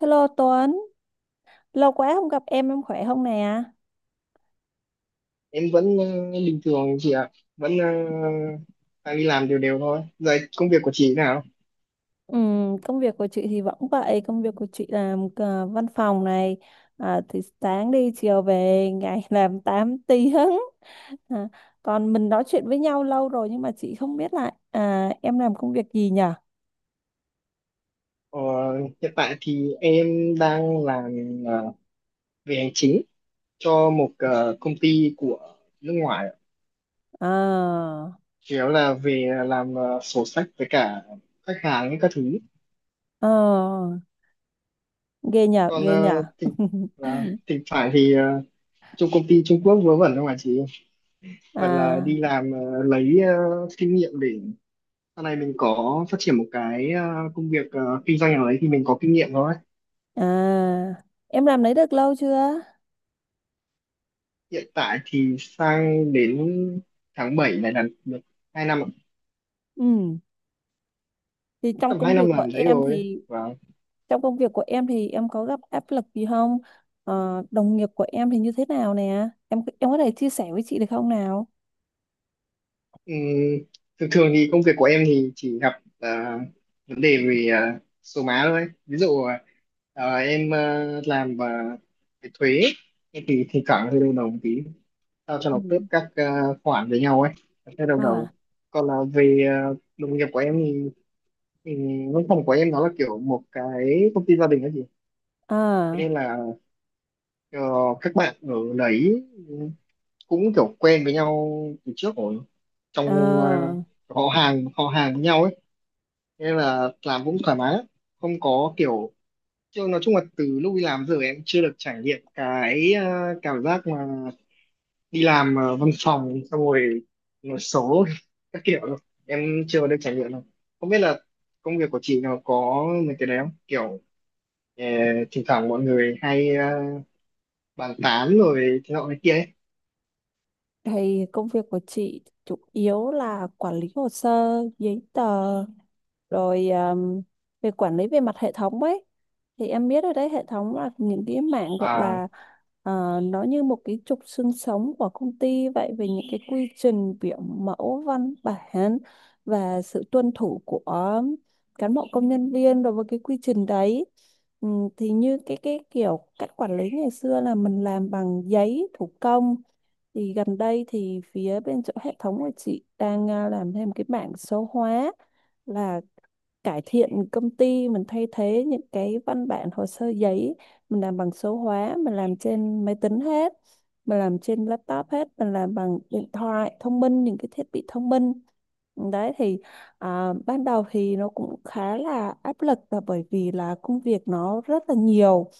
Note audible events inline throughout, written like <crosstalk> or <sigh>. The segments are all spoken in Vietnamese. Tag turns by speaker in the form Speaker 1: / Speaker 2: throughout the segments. Speaker 1: Hello Tuấn, lâu quá không gặp em khỏe không nè?
Speaker 2: Em vẫn bình thường chị ạ. Vẫn đang đi làm đều đều thôi. Rồi công việc của chị thế nào?
Speaker 1: Công việc của chị thì vẫn vậy, công việc của chị làm văn phòng này, à, thì sáng đi chiều về, ngày <laughs> làm 8 tiếng. À, còn mình nói chuyện với nhau lâu rồi nhưng mà chị không biết lại em làm công việc gì nhở?
Speaker 2: Ờ, hiện tại thì em đang làm ờ, về hành chính cho một công ty của nước ngoài ạ.
Speaker 1: À,
Speaker 2: Chủ yếu là về làm sổ sách với cả khách hàng các thứ.
Speaker 1: ờ, ghê nhở,
Speaker 2: Còn
Speaker 1: ghê nhở. <laughs>
Speaker 2: thỉnh thoảng thì trong công ty Trung Quốc vớ vẩn không ạ chị? Phải là
Speaker 1: À,
Speaker 2: đi làm lấy kinh nghiệm để sau này mình có phát triển một cái công việc kinh doanh nào đấy thì mình có kinh nghiệm rồi.
Speaker 1: à, em làm đấy được lâu chưa?
Speaker 2: Hiện tại thì sang đến tháng 7 này là được 2 năm ạ.
Speaker 1: Ừ, thì trong
Speaker 2: Tầm
Speaker 1: công
Speaker 2: 2 năm
Speaker 1: việc của
Speaker 2: làm đấy
Speaker 1: em
Speaker 2: rồi.
Speaker 1: thì
Speaker 2: Và
Speaker 1: trong công việc của em thì em có gặp áp lực gì không? Đồng nghiệp của em thì như thế nào nè? Em có thể chia sẻ với chị được không nào?
Speaker 2: ừm, thường thường thì công việc của em thì chỉ gặp vấn đề về số má thôi. Ví dụ em làm về thuế em thì thỉnh thoảng hơi đau đầu một tí, sao cho
Speaker 1: Ừ.
Speaker 2: nó khớp các khoản với nhau ấy, hơi đau đầu.
Speaker 1: À,
Speaker 2: Còn là về đồng nghiệp của em thì Ừ, văn phòng của em nó là kiểu một cái công ty gia đình ấy chị. Thế nên
Speaker 1: à,
Speaker 2: là ờ, các bạn ở đấy cũng kiểu quen với nhau từ trước rồi, trong
Speaker 1: à.
Speaker 2: họ hàng với nhau ấy. Thế nên là làm cũng thoải mái lắm. Không có kiểu. Chứ nói chung là từ lúc đi làm giờ em chưa được trải nghiệm cái cảm giác mà đi làm văn phòng xong rồi nói số <laughs> các kiểu đâu. Em chưa được trải nghiệm đâu, không biết là công việc của chị nó có mấy cái đấy không, kiểu Ờ, thỉnh thoảng mọi người hay bàn tán rồi thế nọ thế kia ấy.
Speaker 1: Thì công việc của chị chủ yếu là quản lý hồ sơ, giấy tờ rồi về quản lý về mặt hệ thống ấy, thì em biết ở đấy hệ thống là những cái mảng gọi
Speaker 2: À,
Speaker 1: là nó như một cái trục xương sống của công ty vậy, về những cái quy trình biểu mẫu văn bản và sự tuân thủ của cán bộ công nhân viên đối với cái quy trình đấy. Ừ, thì như cái kiểu cách quản lý ngày xưa là mình làm bằng giấy thủ công, thì gần đây thì phía bên chỗ hệ thống của chị đang làm thêm cái bảng số hóa, là cải thiện công ty mình, thay thế những cái văn bản hồ sơ giấy mình làm bằng số hóa, mình làm trên máy tính hết, mình làm trên laptop hết, mình làm bằng điện thoại thông minh, những cái thiết bị thông minh đấy thì ban đầu thì nó cũng khá là áp lực, là bởi vì là công việc nó rất là nhiều,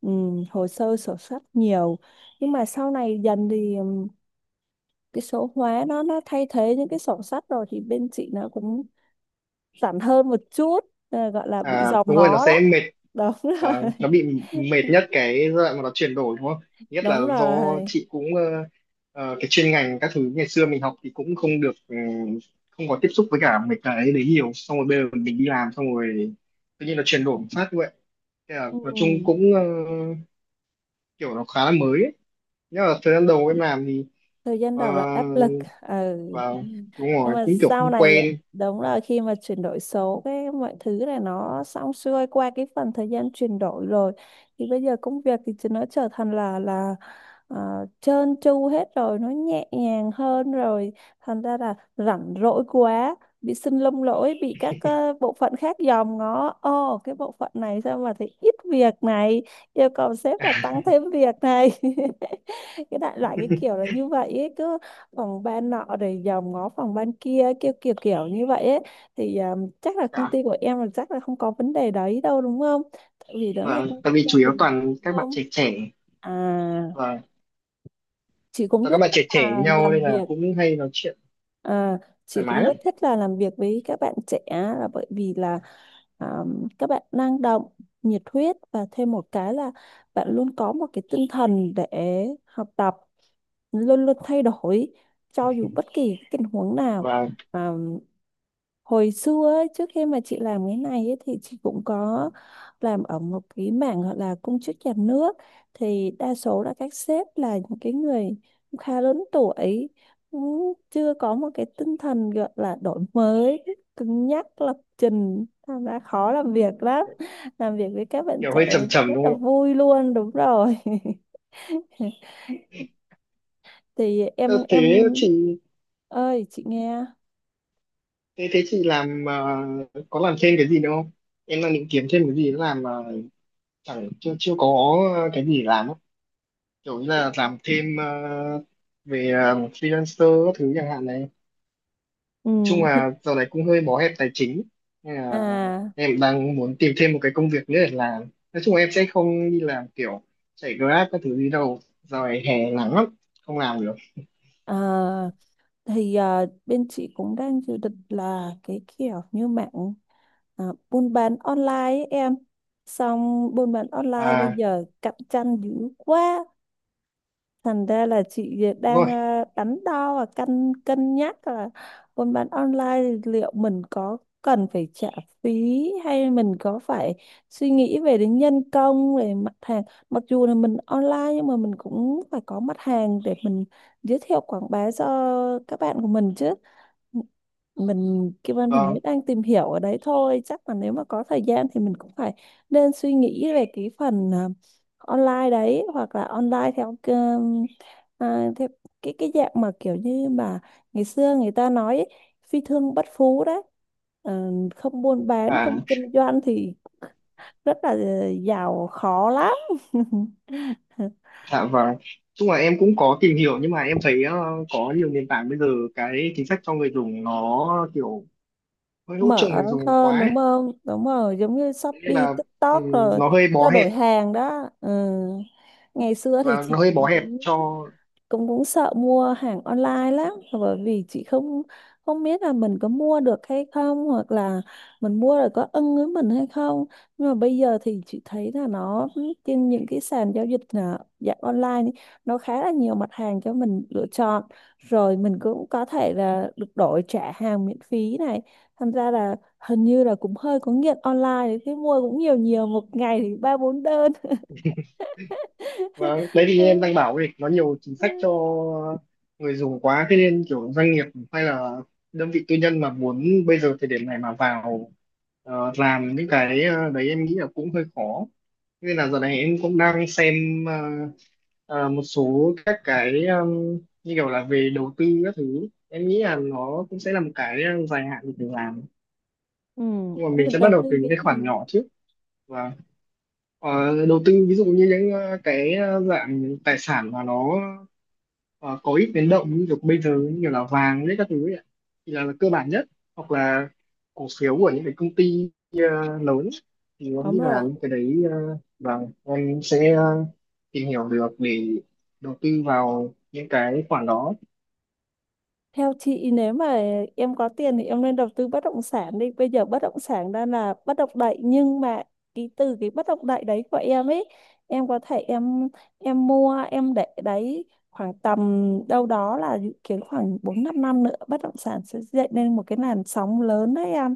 Speaker 1: hồ sơ sổ sách nhiều. Nhưng mà sau này dần thì cái số hóa nó thay thế những cái sổ sách rồi thì bên chị nó cũng giản hơn một chút. Gọi là bị
Speaker 2: à,
Speaker 1: dòm
Speaker 2: đúng rồi, nó
Speaker 1: ngó đó,
Speaker 2: sẽ mệt
Speaker 1: đúng rồi.
Speaker 2: và nó bị mệt
Speaker 1: <laughs>
Speaker 2: nhất cái giai đoạn mà nó chuyển đổi, đúng không? Nhất là
Speaker 1: Đúng
Speaker 2: do
Speaker 1: rồi,
Speaker 2: chị cũng cái chuyên ngành các thứ ngày xưa mình học thì cũng không được, không có tiếp xúc với cả mấy cái đấy nhiều, xong rồi bây giờ mình đi làm xong rồi tự nhiên nó chuyển đổi một phát như vậy. Thế là
Speaker 1: ừ.
Speaker 2: nói chung cũng kiểu nó khá là mới ấy. Nhưng mà thời gian đầu em làm thì
Speaker 1: Thời gian
Speaker 2: ờ,
Speaker 1: đầu là áp lực. Ừ.
Speaker 2: vào, đúng
Speaker 1: Nhưng
Speaker 2: rồi
Speaker 1: mà
Speaker 2: cũng kiểu
Speaker 1: sau
Speaker 2: không
Speaker 1: này,
Speaker 2: quen.
Speaker 1: đúng là khi mà chuyển đổi số, cái mọi thứ này nó xong xuôi, qua cái phần thời gian chuyển đổi rồi thì bây giờ công việc thì nó trở thành là trơn tru hết rồi, nó nhẹ nhàng hơn rồi, thành ra là rảnh rỗi quá, bị sưng lông lỗi, bị các bộ phận khác dòm ngó, ồ cái bộ phận này sao mà thấy ít việc này, yêu cầu sếp là tăng thêm việc này. <laughs> Cái đại loại cái
Speaker 2: <laughs>
Speaker 1: kiểu là như vậy ấy, cứ phòng ban nọ rồi dòm ngó phòng ban kia, kiểu kiểu kiểu như vậy ấy. Thì chắc là công
Speaker 2: Dạ,
Speaker 1: ty của em là chắc là không có vấn đề đấy đâu, đúng không, tại vì đó là
Speaker 2: vâng,
Speaker 1: công ty
Speaker 2: tại vì
Speaker 1: gia
Speaker 2: chủ yếu
Speaker 1: đình mà,
Speaker 2: toàn các
Speaker 1: đúng
Speaker 2: bạn
Speaker 1: không?
Speaker 2: trẻ trẻ.
Speaker 1: À,
Speaker 2: Và
Speaker 1: chị cũng
Speaker 2: toàn các
Speaker 1: rất
Speaker 2: bạn
Speaker 1: thích
Speaker 2: trẻ trẻ
Speaker 1: là
Speaker 2: với nhau
Speaker 1: làm
Speaker 2: nên là
Speaker 1: việc,
Speaker 2: cũng hay nói chuyện
Speaker 1: à, chị
Speaker 2: thoải mái
Speaker 1: cũng
Speaker 2: lắm.
Speaker 1: rất thích là làm việc với các bạn trẻ, là bởi vì là à, các bạn năng động, nhiệt huyết, và thêm một cái là bạn luôn có một cái tinh thần để học tập, luôn luôn thay đổi, cho dù bất kỳ cái tình huống nào.
Speaker 2: Và
Speaker 1: Hồi xưa ấy, trước khi mà chị làm cái này ấy, thì chị cũng có làm ở một cái mảng gọi là công chức nhà nước, thì đa số là các sếp là những cái người cũng khá lớn tuổi, cũng chưa có một cái tinh thần gọi là đổi mới, cứng nhắc lập trình, thành ra khó làm việc lắm. Làm việc với các bạn
Speaker 2: kiểu hơi
Speaker 1: trẻ
Speaker 2: trầm trầm,
Speaker 1: rất
Speaker 2: đúng
Speaker 1: là
Speaker 2: không ạ?
Speaker 1: vui luôn, đúng rồi. <laughs> Thì
Speaker 2: Ờ,
Speaker 1: em
Speaker 2: Thế chị
Speaker 1: ơi, chị nghe.
Speaker 2: thế chị làm có làm thêm cái gì nữa không? Em đang định kiếm thêm cái gì để làm mà chẳng chưa chưa có cái gì để làm á. Kiểu như là làm thêm về freelancer các thứ chẳng hạn này.
Speaker 1: Ừ,
Speaker 2: Nói chung là giờ này cũng hơi bó hẹp tài chính nên là
Speaker 1: à,
Speaker 2: em đang muốn tìm thêm một cái công việc nữa để làm. Nói chung là em sẽ không đi làm kiểu chạy Grab các thứ gì đâu, giờ này hè nắng lắm, không làm được.
Speaker 1: à, thì bên chị cũng đang dự định là cái kiểu như mạng, à, buôn bán online ấy em, xong buôn bán online bây
Speaker 2: À,
Speaker 1: giờ cạnh tranh dữ quá. Thành ra là chị
Speaker 2: đúng
Speaker 1: đang
Speaker 2: rồi.
Speaker 1: đắn đo và cân cân nhắc là buôn bán online thì liệu mình có cần phải trả phí, hay mình có phải suy nghĩ về đến nhân công, về mặt hàng. Mặc dù là mình online nhưng mà mình cũng phải có mặt hàng để mình giới thiệu quảng bá cho các bạn của mình chứ. Mình Kim Anh thì
Speaker 2: Vâng.
Speaker 1: mới đang tìm hiểu ở đấy thôi, chắc là nếu mà có thời gian thì mình cũng phải nên suy nghĩ về cái phần online đấy, hoặc là online theo theo cái dạng mà kiểu như mà ngày xưa người ta nói ấy, phi thương bất phú đấy. Ờ, không buôn bán
Speaker 2: À,
Speaker 1: không kinh doanh thì rất là giàu khó lắm. <laughs>
Speaker 2: dạ vâng, nói chung là em cũng có tìm hiểu nhưng mà em thấy có nhiều nền tảng bây giờ cái chính sách cho người dùng nó kiểu hơi hỗ
Speaker 1: Mở
Speaker 2: trợ người dùng
Speaker 1: hơn
Speaker 2: quá ấy.
Speaker 1: đúng không, đúng rồi, giống như
Speaker 2: Thế nên
Speaker 1: Shopee
Speaker 2: là, ừ,
Speaker 1: TikTok rồi
Speaker 2: nó hơi bó
Speaker 1: trao
Speaker 2: hẹp.
Speaker 1: đổi hàng đó. Ừ. Ngày xưa thì
Speaker 2: Và
Speaker 1: chị
Speaker 2: nó hơi
Speaker 1: cũng
Speaker 2: bó hẹp
Speaker 1: cũng
Speaker 2: cho.
Speaker 1: cũng cũng sợ mua hàng online lắm, là bởi vì chị không không biết là mình có mua được hay không, hoặc là mình mua rồi có ưng với mình hay không. Nhưng mà bây giờ thì chị thấy là nó, trên những cái sàn giao dịch dạng online ấy, nó khá là nhiều mặt hàng cho mình lựa chọn, rồi mình cũng có thể là được đổi trả hàng miễn phí này, thành ra là hình như là cũng hơi có nghiện online đấy, thế mua cũng nhiều nhiều một ngày thì 3 4 đơn.
Speaker 2: Và đấy thì em đang bảo ấy, nó nhiều chính sách cho
Speaker 1: <laughs>
Speaker 2: người dùng quá thế nên kiểu doanh nghiệp hay là đơn vị tư nhân mà muốn bây giờ thời điểm này mà vào làm những cái đấy, em nghĩ là cũng hơi khó. Thế nên là giờ này em cũng đang xem một số các cái, như kiểu là về đầu tư các thứ, em nghĩ là nó cũng sẽ là một cái dài hạn mình phải làm.
Speaker 1: Ừ,
Speaker 2: Nhưng mà
Speaker 1: em
Speaker 2: mình
Speaker 1: định
Speaker 2: sẽ bắt
Speaker 1: đầu
Speaker 2: đầu từ
Speaker 1: tư
Speaker 2: những
Speaker 1: cái
Speaker 2: cái khoản
Speaker 1: gì?
Speaker 2: nhỏ trước. Và ờ, đầu tư ví dụ như những cái dạng tài sản mà nó có ít biến động, như kiểu bây giờ như kiểu là vàng đấy các thứ ấy ạ. Thì là cơ bản nhất, hoặc là cổ phiếu của những cái công ty lớn, thì em
Speaker 1: Đúng
Speaker 2: nghĩ là
Speaker 1: rồi.
Speaker 2: những cái đấy, và em sẽ tìm hiểu được để đầu tư vào những cái khoản đó.
Speaker 1: Theo chị, nếu mà em có tiền thì em nên đầu tư bất động sản đi. Bây giờ bất động sản đang là bất động đại, nhưng mà cái từ cái bất động đại đấy của em ấy, em có thể em mua em để đấy khoảng tầm đâu đó là dự kiến khoảng 4 5 năm nữa bất động sản sẽ dậy lên một cái làn sóng lớn đấy em.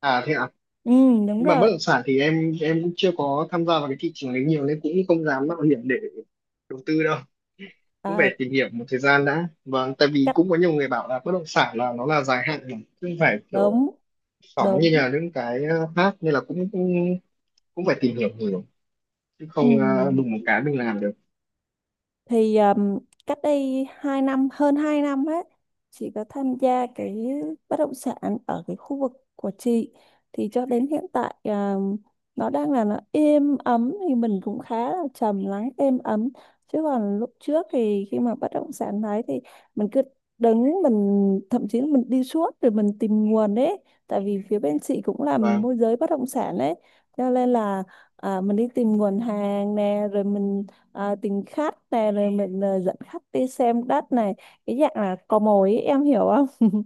Speaker 2: À, thế ạ?
Speaker 1: Ừ, đúng
Speaker 2: Nhưng mà bất
Speaker 1: rồi.
Speaker 2: động sản thì em cũng chưa có tham gia vào cái thị trường đấy nhiều nên cũng không dám mạo hiểm để đầu tư đâu. Cũng phải
Speaker 1: À,
Speaker 2: tìm hiểu một thời gian đã. Vâng, tại vì
Speaker 1: cắt
Speaker 2: cũng có nhiều người bảo là bất động sản là nó là dài hạn mà, chứ không phải kiểu
Speaker 1: đống
Speaker 2: phỏng
Speaker 1: đống.
Speaker 2: như là những cái khác, nên là cũng cũng, cũng phải tìm hiểu nhiều chứ
Speaker 1: Ừ.
Speaker 2: không đùng một cái mình làm được.
Speaker 1: Thì cách đây 2 năm, hơn 2 năm ấy, chị có tham gia cái bất động sản ở cái khu vực của chị, thì cho đến hiện tại nó đang là nó êm ấm thì mình cũng khá là trầm lắng êm ấm. Chứ còn lúc trước thì khi mà bất động sản đấy thì mình cứ đứng, mình thậm chí là mình đi suốt rồi mình tìm nguồn ấy, tại vì phía bên chị cũng làm
Speaker 2: Và
Speaker 1: môi giới bất động sản ấy, cho nên là mình đi tìm nguồn hàng nè, rồi mình tính khát này, rồi mình dẫn khách đi xem đất này, cái dạng là cò mồi ấy, em hiểu không. <laughs>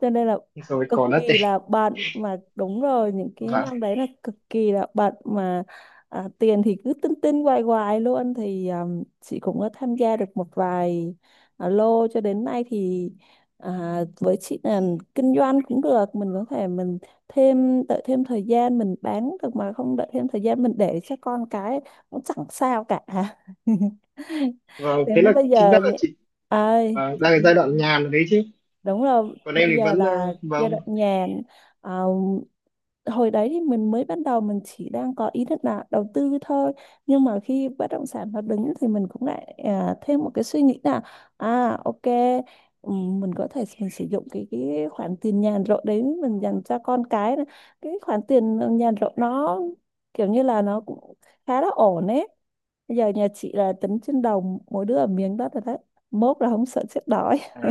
Speaker 1: Cho nên là
Speaker 2: rồi
Speaker 1: cực
Speaker 2: còn đất đấy.
Speaker 1: kỳ là bận mà, đúng rồi, những cái
Speaker 2: Và,
Speaker 1: năm đấy là cực kỳ là bận mà. Tiền thì cứ tinh tinh hoài hoài luôn. Thì chị cũng có tham gia được một vài lô, cho đến nay thì với chị là kinh doanh cũng được, mình có thể mình thêm đợi thêm thời gian mình bán được, mà không đợi thêm thời gian mình để cho con cái cũng chẳng sao cả. <laughs>
Speaker 2: và
Speaker 1: Đến
Speaker 2: Thế
Speaker 1: lúc
Speaker 2: là
Speaker 1: bây
Speaker 2: chính ra
Speaker 1: giờ
Speaker 2: là chị
Speaker 1: ơi,
Speaker 2: đang cái giai đoạn nhàn đấy chứ?
Speaker 1: đúng rồi,
Speaker 2: Còn em
Speaker 1: bây
Speaker 2: thì
Speaker 1: giờ
Speaker 2: vẫn
Speaker 1: là giai
Speaker 2: vâng.
Speaker 1: đoạn nhàn. à, Hồi đấy thì mình mới bắt đầu, mình chỉ đang có ý định là đầu tư thôi, nhưng mà khi bất động sản nó đứng thì mình cũng lại thêm một cái suy nghĩ là à ok, mình có thể mình sử dụng cái khoản tiền nhàn rỗi đấy mình dành cho con cái này. Cái khoản tiền nhàn rỗi nó kiểu như là nó cũng khá là ổn ấy. Bây giờ nhà chị là tính trên đầu mỗi đứa ở miếng đó rồi đấy, mốt là không sợ chết đói.
Speaker 2: À,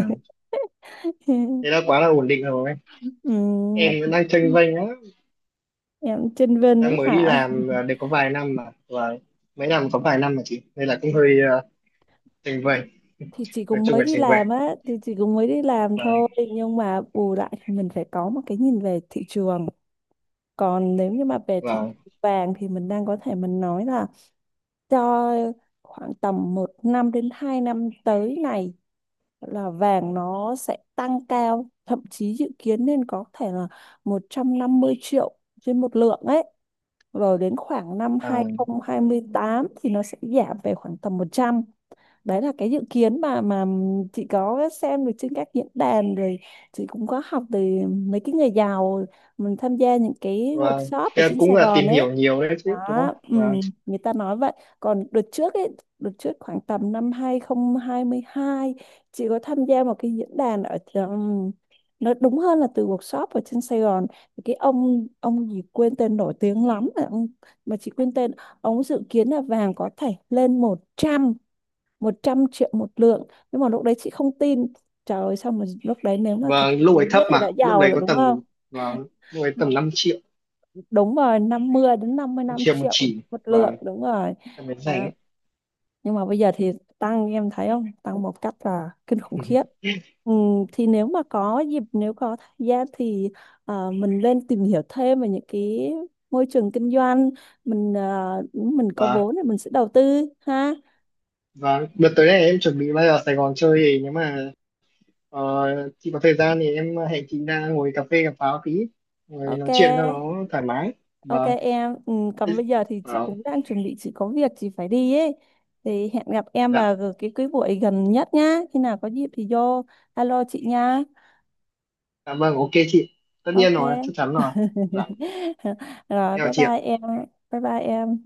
Speaker 2: thế
Speaker 1: <laughs>
Speaker 2: là quá là ổn định rồi.
Speaker 1: Ừ, mà
Speaker 2: Em vẫn đang chênh vênh á,
Speaker 1: em chênh vênh
Speaker 2: đang
Speaker 1: lắm
Speaker 2: mới đi
Speaker 1: hả?
Speaker 2: làm được có vài năm mà, và mới làm có vài năm mà chị, nên là cũng hơi chênh vênh.
Speaker 1: <laughs> Thì chị
Speaker 2: Nói
Speaker 1: cũng
Speaker 2: chung
Speaker 1: mới
Speaker 2: là
Speaker 1: đi
Speaker 2: chênh vênh.
Speaker 1: làm á, thì chị cũng mới đi làm
Speaker 2: và
Speaker 1: thôi. Nhưng mà bù lại thì mình phải có một cái nhìn về thị trường. Còn nếu như mà về
Speaker 2: và
Speaker 1: thị trường vàng thì mình đang có thể mình nói là cho khoảng tầm 1 năm đến 2 năm tới này là vàng nó sẽ tăng cao, thậm chí dự kiến nên có thể là 150 triệu trên một lượng ấy, rồi đến khoảng năm
Speaker 2: à,
Speaker 1: hai không hai tám thì nó sẽ giảm về khoảng tầm 100. Đấy là cái dự kiến mà chị có xem được trên các diễn đàn, rồi chị cũng có học từ mấy cái người giàu, mình tham gia những cái
Speaker 2: và
Speaker 1: workshop ở
Speaker 2: thế là
Speaker 1: trên
Speaker 2: cũng
Speaker 1: Sài
Speaker 2: là
Speaker 1: Gòn
Speaker 2: tìm
Speaker 1: ấy
Speaker 2: hiểu nhiều đấy chứ, đúng không?
Speaker 1: đó. Ừ,
Speaker 2: Vâng.
Speaker 1: người ta nói vậy. Còn đợt trước ấy, đợt trước khoảng tầm năm 2022, chị có tham gia một cái diễn đàn ở nó đúng hơn là từ workshop ở trên Sài Gòn. Thì cái ông gì quên tên, nổi tiếng lắm mà ông, mà chị quên tên, ông dự kiến là vàng có thể lên 100, 100 triệu một lượng, nhưng mà lúc đấy chị không tin. Trời ơi, xong rồi lúc đấy nếu mà thật
Speaker 2: Và lúc
Speaker 1: mới
Speaker 2: ấy thấp,
Speaker 1: biết thì đã
Speaker 2: mà lúc
Speaker 1: giàu
Speaker 2: đấy
Speaker 1: rồi
Speaker 2: có
Speaker 1: đúng không.
Speaker 2: tầm. và Lúc ấy tầm
Speaker 1: Đúng rồi, 50 đến
Speaker 2: 5
Speaker 1: 55
Speaker 2: triệu một
Speaker 1: triệu
Speaker 2: chỉ.
Speaker 1: một
Speaker 2: và
Speaker 1: lượng, đúng rồi.
Speaker 2: Tầm đến rẻ
Speaker 1: À,
Speaker 2: ấy.
Speaker 1: nhưng mà bây giờ thì tăng, em thấy không, tăng một cách là kinh khủng khiếp. Ừ, thì nếu mà có dịp, nếu có thời gian thì mình lên tìm hiểu thêm về những cái môi trường kinh doanh, mình mình có
Speaker 2: Và
Speaker 1: vốn thì mình sẽ đầu tư ha.
Speaker 2: và Đợt tới này em chuẩn bị bay vào Sài Gòn chơi, thì nếu mà ờ, chị có thời gian thì em hẹn chị ra ngồi cà phê cà pháo tí, ngồi
Speaker 1: Ok.
Speaker 2: nói chuyện cho nó thoải mái.
Speaker 1: Ok
Speaker 2: Và
Speaker 1: em, ừ, còn bây giờ thì chị
Speaker 2: và
Speaker 1: cũng đang chuẩn bị, chị có việc chị phải đi ấy. Thì hẹn gặp em
Speaker 2: Dạ,
Speaker 1: vào cái buổi gần nhất nhá. Khi nào có dịp thì vô alo chị nha.
Speaker 2: cảm ơn, ok chị. Tất nhiên
Speaker 1: Ok.
Speaker 2: rồi, chắc chắn rồi. Dạ,
Speaker 1: <laughs> Rồi
Speaker 2: theo
Speaker 1: bye
Speaker 2: chị
Speaker 1: bye
Speaker 2: ạ.
Speaker 1: em. Bye bye em.